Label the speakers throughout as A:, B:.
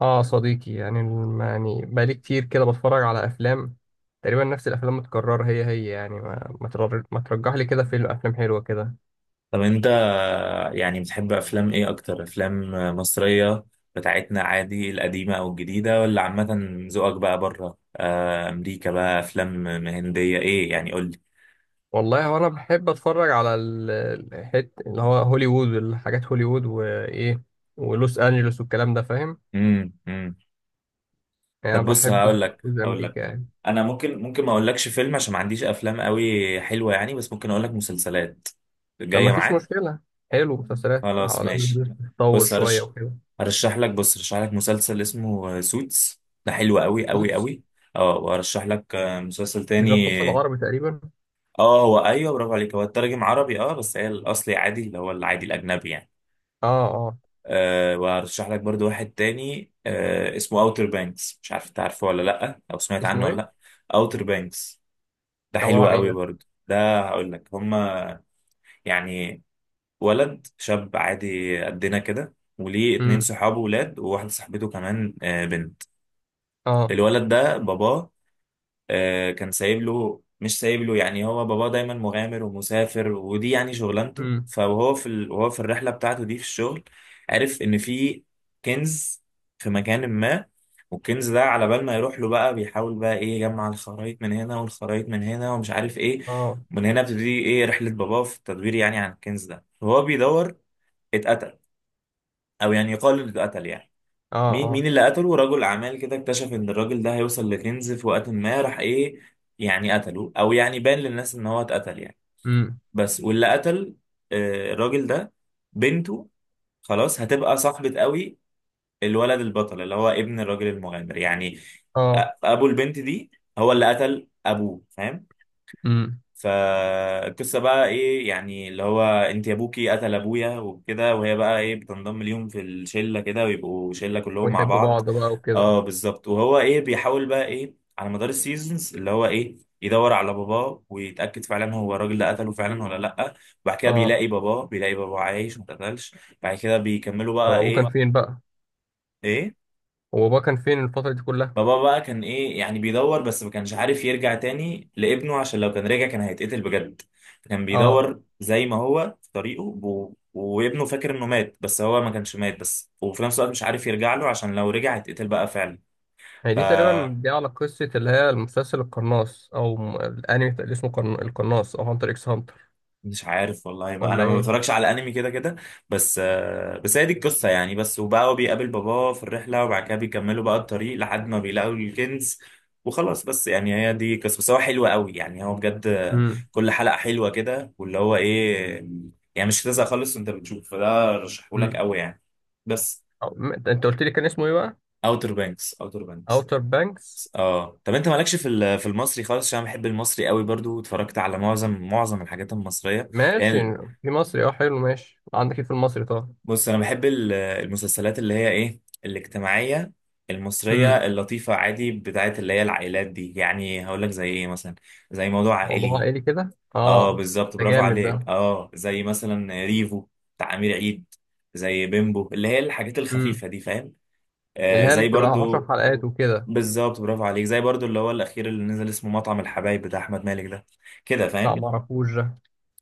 A: اه، صديقي يعني يعني بقالي كتير كده بتفرج على افلام. تقريبا نفس الافلام متكرره هي هي، يعني ما ترجح لي كده فيلم، افلام حلوه كده.
B: طب انت بتحب افلام ايه؟ اكتر افلام مصرية بتاعتنا عادي، القديمة او الجديدة ولا عامة؟ ذوقك بقى بره، امريكا بقى، افلام هندية، ايه؟ يعني قول لي.
A: والله، هو انا بحب اتفرج على الحت اللي هو هوليوود، الحاجات هوليوود وايه، ولوس انجلوس والكلام ده، فاهم؟
B: امم، امم.
A: يعني
B: طب
A: أنا
B: بص،
A: بحب
B: هقول لك
A: جزء
B: هقول لك
A: امريكا يعني.
B: انا ممكن ما اقولكش فيلم عشان ما عنديش افلام قوي حلوة يعني، بس ممكن اقول لك مسلسلات
A: طب ما
B: جاية
A: فيش
B: معاك.
A: مشكله. حلو، مسلسلات على
B: خلاص ماشي.
A: الأقل تتطور
B: بص
A: شويه
B: هرش...
A: وكده.
B: هرشح لك، هرشح لك مسلسل اسمه سوتس. ده حلو قوي قوي
A: سوتس.
B: قوي. اه، وهرشح لك مسلسل
A: مش ده
B: تاني.
A: القصه العربي تقريبا؟
B: اه، هو ايوه، برافو عليك، هو الترجم عربي اه، بس هي الاصلي عادي اللي هو العادي الاجنبي يعني.
A: اه اه.
B: آه، وهرشح لك برضو واحد تاني اسمه اوتر بانكس. مش عارف انت عارفه ولا لا، او سمعت عنه
A: اسمه
B: ولا
A: ايه؟
B: لا. اوتر بانكس ده
A: ده عباره
B: حلو
A: عن ايه
B: قوي
A: ده؟
B: برضو. ده هقول لك، هما يعني ولد شاب عادي قدنا كده، وليه اتنين
A: امم.
B: صحابه ولاد وواحدة صاحبته كمان، بنت.
A: اه.
B: الولد ده باباه كان سايب له، مش سايب له يعني، هو باباه دايما مغامر ومسافر ودي يعني شغلانته.
A: امم.
B: فهو وهو في الرحلة بتاعته دي في الشغل عرف إن في كنز في مكان ما. والكنز ده على بال ما يروح له بقى بيحاول بقى ايه، يجمع الخرايط من هنا والخرايط من هنا ومش عارف ايه.
A: اه
B: من هنا بتبتدي ايه، رحلة باباه في التدوير يعني عن الكنز ده. وهو بيدور اتقتل، او يعني يقال انه اتقتل يعني.
A: اه
B: مين مين
A: اه.
B: اللي قتله؟ رجل اعمال كده اكتشف ان الراجل ده هيوصل لكنز في وقت ما، راح ايه، يعني قتله، او يعني بان للناس ان هو اتقتل يعني.
A: امم.
B: بس واللي قتل الراجل ده بنته، خلاص هتبقى صاحبة قوي الولد البطل اللي هو ابن الراجل المغامر يعني،
A: اه.
B: ابو البنت دي هو اللي قتل ابوه، فاهم؟
A: امم.
B: فالقصه بقى ايه، يعني اللي هو انت يا ابوكي قتل ابويا وكده، وهي بقى ايه بتنضم ليهم في الشله كده ويبقوا شله كلهم مع
A: ويحبوا
B: بعض.
A: بعض بقى وكده.
B: اه بالظبط. وهو ايه، بيحاول بقى ايه، على مدار السيزونز، اللي هو ايه، يدور على باباه ويتاكد فعلا هو الراجل ده قتله فعلا ولا لا. وبعد كده
A: اه،
B: بيلاقي باباه، بيلاقي باباه عايش ما اتقتلش. بعد كده بيكملوا
A: طب
B: بقى
A: ابوه كان
B: ايه.
A: فين بقى؟
B: ايه.
A: هو باباه كان فين الفترة دي كلها؟
B: بابا بقى كان ايه يعني، بيدور، بس ما كانش عارف يرجع تاني لابنه عشان لو كان رجع كان هيتقتل بجد. فكان
A: اه،
B: بيدور زي ما هو في طريقه وابنه فاكر انه مات، بس هو ما كانش مات، بس وفي نفس الوقت مش عارف يرجع له عشان لو رجع هيتقتل بقى. فعلا.
A: هي دي تقريبا دي على قصة اللي هي المسلسل القناص، او الانمي اللي اسمه القناص، او هانتر اكس هانتر.
B: مش عارف والله، ما
A: ولا
B: انا ما
A: ايه؟
B: بتفرجش على انمي كده كده. بس بس هي دي القصه يعني. بس وبقى هو بيقابل باباه في الرحله وبعد كده بيكملوا بقى الطريق لحد ما بيلاقوا الكنز، وخلاص بس. يعني هي دي قصه بس، هو حلو قوي يعني، هو بجد
A: امم
B: كل حلقه حلوه كده، واللي هو ايه، يعني مش هتزهق خالص وانت بتشوف، فده رشحهولك
A: امم.
B: قوي يعني. بس.
A: انت قلت لي كان اسمه ايه بقى؟
B: اوتر بانكس، اوتر بانكس.
A: اوتر بانكس.
B: اه طب، انت مالكش في المصري خالص؟ عشان أنا بحب المصري قوي برضو، واتفرجت على معظم الحاجات المصريه
A: ماشي.
B: يعني.
A: في مصري، اه حلو. ماشي، عندك ايه في المصري طبعا.
B: بص انا بحب المسلسلات اللي هي ايه، الاجتماعيه
A: امم.
B: المصريه اللطيفه عادي، بتاعت اللي هي العائلات دي، يعني هقول لك زي ايه مثلا. زي موضوع
A: موضوع
B: عائلي.
A: عائلي كده.
B: اه
A: اه.
B: بالظبط،
A: ده
B: برافو
A: جامد
B: عليك.
A: ده.
B: اه زي مثلا ريفو بتاع امير عيد، زي بيمبو، اللي هي الحاجات
A: امم.
B: الخفيفه دي فاهم.
A: اللي
B: آه
A: هي اللي
B: زي
A: بتبقى 10
B: برضو،
A: حلقات وكده.
B: بالظبط، برافو عليك، زي برضو اللي هو الاخير اللي نزل، اسمه مطعم الحبايب، بتاع احمد مالك ده، كده
A: لا
B: فاهم.
A: معرفوش.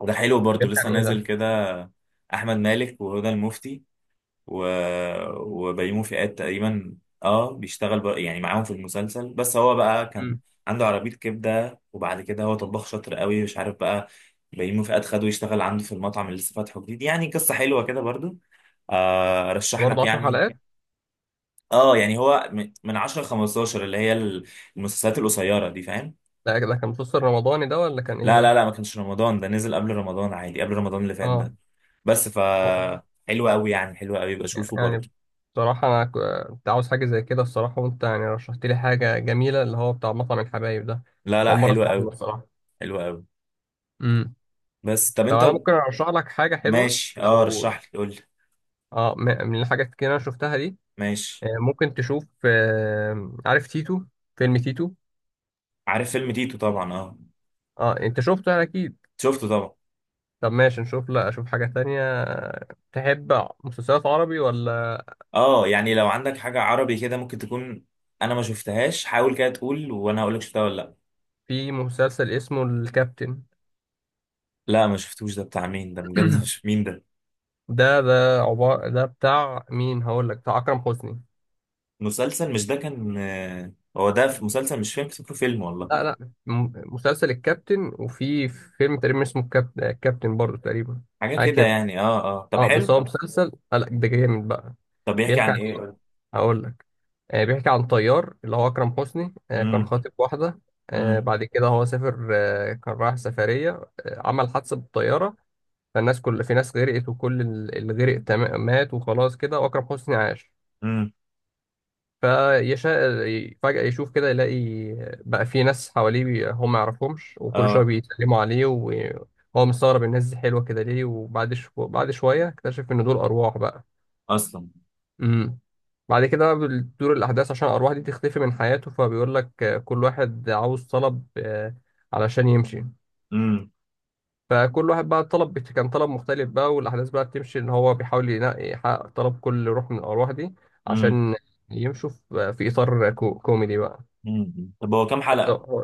B: وده حلو برضو،
A: بيحكي
B: لسه
A: عن ايه
B: نازل
A: ده؟
B: كده. احمد مالك وهدى المفتي و... وبيومي فؤاد تقريبا. اه بيشتغل يعني معاهم في المسلسل، بس هو بقى كان
A: امم.
B: عنده عربية كبدة، وبعد كده هو طباخ شاطر قوي مش عارف بقى. بيومي فؤاد خده يشتغل عنده في المطعم اللي لسه فاتحه جديد. يعني قصة حلوة كده برضو، آه رشح
A: برضه
B: لك
A: 10
B: يعني.
A: حلقات؟
B: اه يعني هو من من 10 ل 15، اللي هي المسلسلات القصيرة دي فاهم.
A: لا، ده كان مسلسل رمضاني ده، ولا كان ايه
B: لا لا لا،
A: ده؟
B: ما كانش رمضان، ده نزل قبل رمضان عادي، قبل رمضان اللي فات
A: اه.
B: ده. بس ف،
A: هو-
B: حلو قوي يعني، حلو قوي بشوفه برضو.
A: يعني بصراحة أنا كنت عاوز حاجة زي كده الصراحة، وأنت يعني رشحت لي حاجة جميلة، اللي هو بتاع مطعم الحبايب ده.
B: لا لا،
A: أول مرة
B: حلو
A: أسمع عنه
B: قوي،
A: الصراحة.
B: حلو قوي.
A: امم.
B: بس طب
A: طب
B: انت.
A: أنا ممكن أرشح لك حاجة حلوة
B: ماشي، اه
A: لو.
B: رشح لي قول لي.
A: اه، من الحاجات كده أنا شفتها دي.
B: ماشي.
A: ممكن تشوف، عارف تيتو؟ فيلم تيتو.
B: عارف فيلم تيتو طبعا، اه.
A: اه، أنت شفته أكيد.
B: شفته طبعا.
A: طب ماشي، نشوف، لا أشوف حاجة تانية، تحب مسلسلات عربي ولا؟
B: اه يعني لو عندك حاجة عربي كده ممكن تكون، انا ما شفتهاش، حاول كده تقول وانا هقول لك شفتها ولا لا.
A: في مسلسل اسمه الكابتن.
B: لا، ما شفتوش. ده بتاع مين ده بجد؟ مش مين ده.
A: ده عبارة ده بتاع مين، هقول لك، بتاع أكرم حسني.
B: مسلسل، مش ده كان هو ده في مسلسل مش فيلم؟ فاكره فيلم
A: لا
B: والله.
A: لا، مسلسل الكابتن، وفي فيلم تقريبا اسمه الكابتن، الكابتن برضه تقريبا.
B: حاجة
A: حاجة
B: كده
A: كده.
B: يعني، اه اه، طب
A: اه، بس
B: حلو.
A: هو مسلسل، لا ده جامد بقى.
B: طب بيحكي
A: بيحكي
B: عن
A: عن
B: ايه؟
A: إيه؟
B: قول.
A: هقول لك. بيحكي عن طيار اللي هو أكرم حسني، كان
B: امم،
A: خاطب واحدة.
B: امم،
A: بعد كده هو سافر، كان رايح سفرية. عمل حادثة بالطيارة. فالناس، كل في ناس غرقت، وكل اللي غرق تمام مات وخلاص كده، وأكرم حسني عاش.
B: امم.
A: فيشاء فجأة يشوف كده، يلاقي بقى في ناس حواليه هم ما يعرفهمش، وكل شوية
B: اه
A: بيتكلموا عليه وهو مستغرب الناس دي حلوة كده ليه، وبعد بعد شوية اكتشف إن دول أرواح بقى.
B: اصلا.
A: امم. بعد كده بقى بتدور الأحداث عشان الأرواح دي تختفي من حياته، فبيقول لك، كل واحد عاوز طلب، علشان يمشي.
B: امم،
A: فكل واحد بقى طلب، كان طلب مختلف بقى، والأحداث بقى بتمشي إن هو بيحاول ينقي يحقق طلب كل روح من الأرواح دي،
B: امم،
A: عشان يمشوا في إطار كوميدي بقى.
B: امم. طب هو كام حلقة؟
A: هو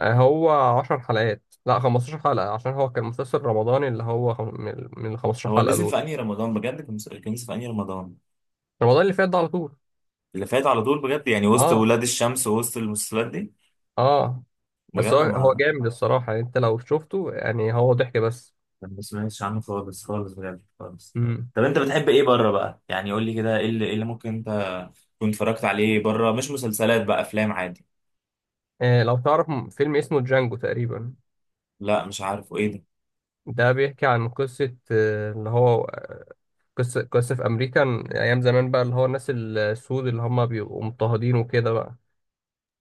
A: هو 10 حلقات، لا 15 حلقة، عشان هو كان مسلسل رمضاني اللي هو من ال 15
B: هو
A: حلقة
B: نزل
A: دول.
B: في انهي رمضان بجد؟ كان نزل، كان نزل في انهي رمضان؟
A: رمضان اللي فات ده على طول.
B: اللي فات على طول؟ بجد يعني وسط
A: اه
B: ولاد الشمس ووسط المسلسلات دي؟
A: اه.
B: بجد
A: بس هو
B: انا
A: هو
B: ما،
A: جامد الصراحة يعني، انت لو شفته يعني، هو ضحك بس.
B: ما سمعتش عنه خالص خالص بجد خالص.
A: امم.
B: طب انت بتحب ايه بره بقى، يعني قول لي كده، ايه اللي، إيه اللي ممكن انت تكون اتفرجت عليه بره، مش مسلسلات بقى، افلام عادي.
A: لو تعرف فيلم اسمه جانجو تقريبا.
B: لا مش عارفه، ايه ده؟
A: ده بيحكي عن قصة، اللي هو قصة قصة في أمريكا أيام زمان بقى، اللي هو الناس السود اللي هم بيبقوا مضطهدين وكده بقى.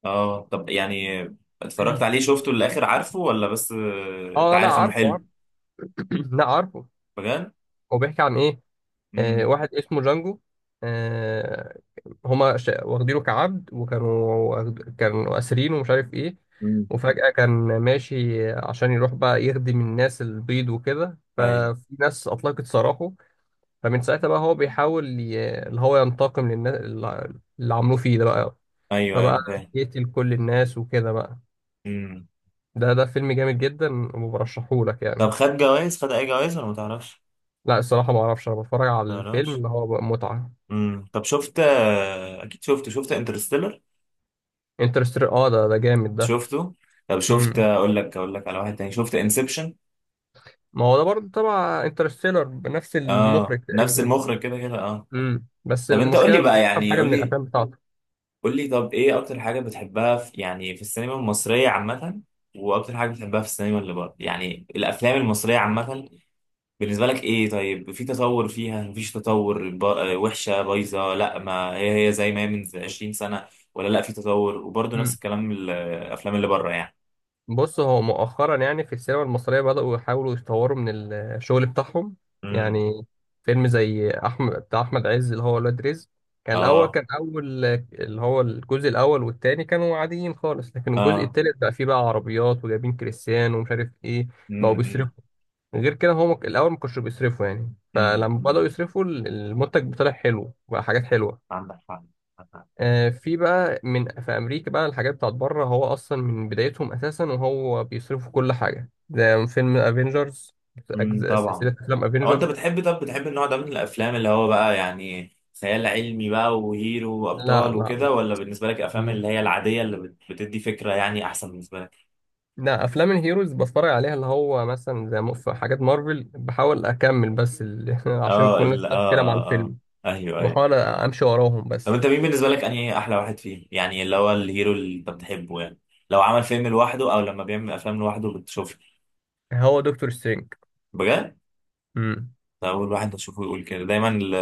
B: اه طب يعني اتفرجت عليه، شفته للاخر عارفه، ولا بس انت
A: اه لا،
B: عارف انه
A: عارفه
B: حلو
A: عارفه. لا عارفه.
B: بجد.
A: هو بيحكي عن ايه؟
B: امم،
A: واحد اسمه جانجو، آه، هما واخدينه كعبد وكانوا، كانوا أسرين ومش عارف إيه.
B: امم.
A: وفجأة كان ماشي عشان يروح بقى يخدم الناس البيض وكده،
B: ايوه،
A: ففي ناس أطلقت سراحه. فمن ساعتها بقى هو بيحاول اللي هو ينتقم للناس اللي اللي عملوه فيه ده بقى،
B: ايوه، ايوه
A: فبقى
B: انا فاهم.
A: يقتل كل الناس وكده بقى.
B: امم.
A: ده فيلم جامد جدا، وبرشحهولك
B: طب
A: يعني.
B: خد جوائز، خد اي جوائز ولا ما تعرفش؟
A: لا، الصراحة ما أعرفش، أنا بتفرج على
B: ما
A: الفيلم
B: تعرفش.
A: اللي هو بقى متعة.
B: امم. طب شفت، اكيد شفت، شفت انترستيلر؟
A: انترستيلر، اه ده جامد ده.
B: شفته. طب شفت،
A: مم.
B: اقول لك على واحد تاني، شفت انسبشن؟
A: ما هو ده برضه تبع انترستيلر، بنفس
B: اه
A: المخرج
B: نفس
A: تقريبا،
B: المخرج كده كده، اه.
A: بس
B: طب انت قول لي
A: المشكله مش
B: بقى،
A: بفهم
B: يعني
A: حاجه
B: قول
A: من
B: لي
A: الافلام بتاعته.
B: قول لي طب، ايه اكتر حاجه بتحبها في يعني في السينما المصريه عامه، واكتر حاجه بتحبها في السينما اللي بره يعني؟ الافلام المصريه عامه بالنسبه لك ايه؟ طيب في تطور فيها، مفيش تطور، وحشه، بايظه، لا ما هي هي زي ما هي من 20 سنه، ولا لا في تطور؟ وبرضه نفس
A: امم.
B: الكلام الافلام اللي بره
A: بص، هو مؤخرا يعني في السينما المصريه بداوا يحاولوا يطوروا من الشغل بتاعهم،
B: يعني.
A: يعني فيلم زي احمد، بتاع احمد عز، اللي هو ولاد رزق. كان الاول
B: اه،
A: كان اول اللي هو الجزء الاول والتاني كانوا عاديين خالص، لكن الجزء
B: اه.
A: التالت بقى فيه بقى عربيات وجايبين كريستيانو ومش عارف ايه. بقوا
B: امم،
A: بيصرفوا. غير كده، هو الاول ما كانوش بيصرفوا، يعني
B: امم،
A: فلما
B: امم.
A: بدأوا يصرفوا، المنتج طلع حلو بقى، حاجات حلوة.
B: عندك حق، عندك حق.
A: في بقى من، في امريكا بقى الحاجات بتاعت بره، هو اصلا من بدايتهم اساسا وهو بيصرفوا كل حاجة، ده فيلم افنجرز،
B: طبعا.
A: سلسلة افلام
B: هو انت
A: افنجرز.
B: بتحب، طب بتحب النوع ده من الافلام اللي هو بقى يعني خيال علمي بقى، وهيرو
A: لا
B: وابطال
A: لا
B: وكده، ولا بالنسبه لك افلام
A: لا،
B: اللي هي العاديه بتدي فكره يعني احسن بالنسبه لك؟
A: لا افلام الهيروز بتفرج عليها، اللي هو مثلا زي في حاجات مارفل بحاول اكمل بس عشان
B: اه
A: كل الناس
B: ال- اه
A: بتتكلم عن
B: اه اه،
A: الفيلم.
B: ايوه
A: بحاول
B: ايوه.
A: امشي وراهم
B: طب
A: بس.
B: انت مين بالنسبه لك انهي احلى واحد فيهم، يعني اللي هو الهيرو اللي انت بتحبه يعني، لو عمل فيلم لوحده او لما بيعمل افلام لوحده بتشوفه؟
A: هو دكتور سترينج.
B: بجد؟
A: مم.
B: أول واحد أشوفه يقول كده دايما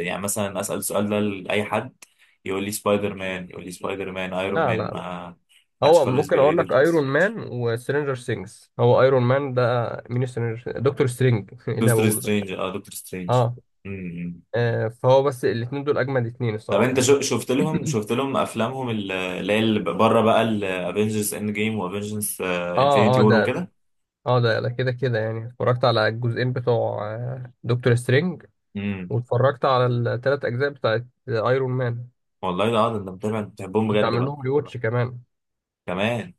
B: يعني مثلا أسأل السؤال ده لأي حد يقول لي سبايدر مان، أيرون
A: لا
B: مان،
A: لا،
B: ما حدش
A: هو
B: خالص
A: ممكن
B: بيقول لي
A: اقول لك
B: دكتور
A: ايرون
B: سترينج.
A: مان وسترينجر سينجز، هو ايرون مان ده. مين سترينجر، دكتور سترينج ايه اللي أنا
B: دكتور
A: بقوله ده.
B: سترينج اه، دكتور سترينج.
A: اه.
B: امم.
A: فهو بس الاثنين دول اجمد اثنين
B: طب
A: الصراحه
B: انت
A: يعني.
B: شفت لهم، شفت لهم افلامهم اللي هي اللي بره بقى، الافنجرز اند جيم وافنجرز
A: اه
B: انفينيتي
A: اه
B: وور
A: ده،
B: وكده.
A: اه ده كده كده يعني اتفرجت على الجزئين بتوع دكتور سترينج،
B: امم.
A: واتفرجت على الثلاث اجزاء بتاعت ايرون مان.
B: والله ده، اه ده انت متابع، انت بتحبهم
A: كنت
B: بجد
A: عامل
B: بقى.
A: لهم ريواتش كمان.
B: كمان.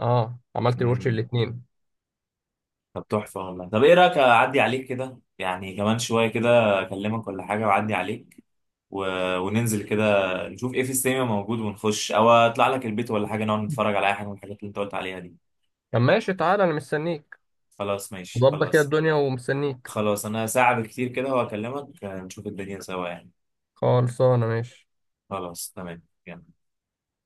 A: اه، عملت ريواتش
B: امم.
A: الاثنين.
B: طب تحفه والله. طب ايه رايك اعدي عليك كده، يعني كمان شويه كده اكلمك ولا حاجه واعدي عليك و... وننزل كده، نشوف ايه في السينما موجود ونخش، او اطلع لك البيت ولا حاجه نقعد نتفرج على اي حاجه من الحاجات اللي انت قلت عليها دي.
A: طب ماشي، تعالى انا مستنيك.
B: خلاص ماشي
A: ظبط كده
B: خلاص.
A: الدنيا، ومستنيك.
B: خلاص انا ساعه بالكتير كده وهكلمك، نشوف الدنيا سوا يعني.
A: خلصانه، ماشي.
B: خلاص تمام يلا.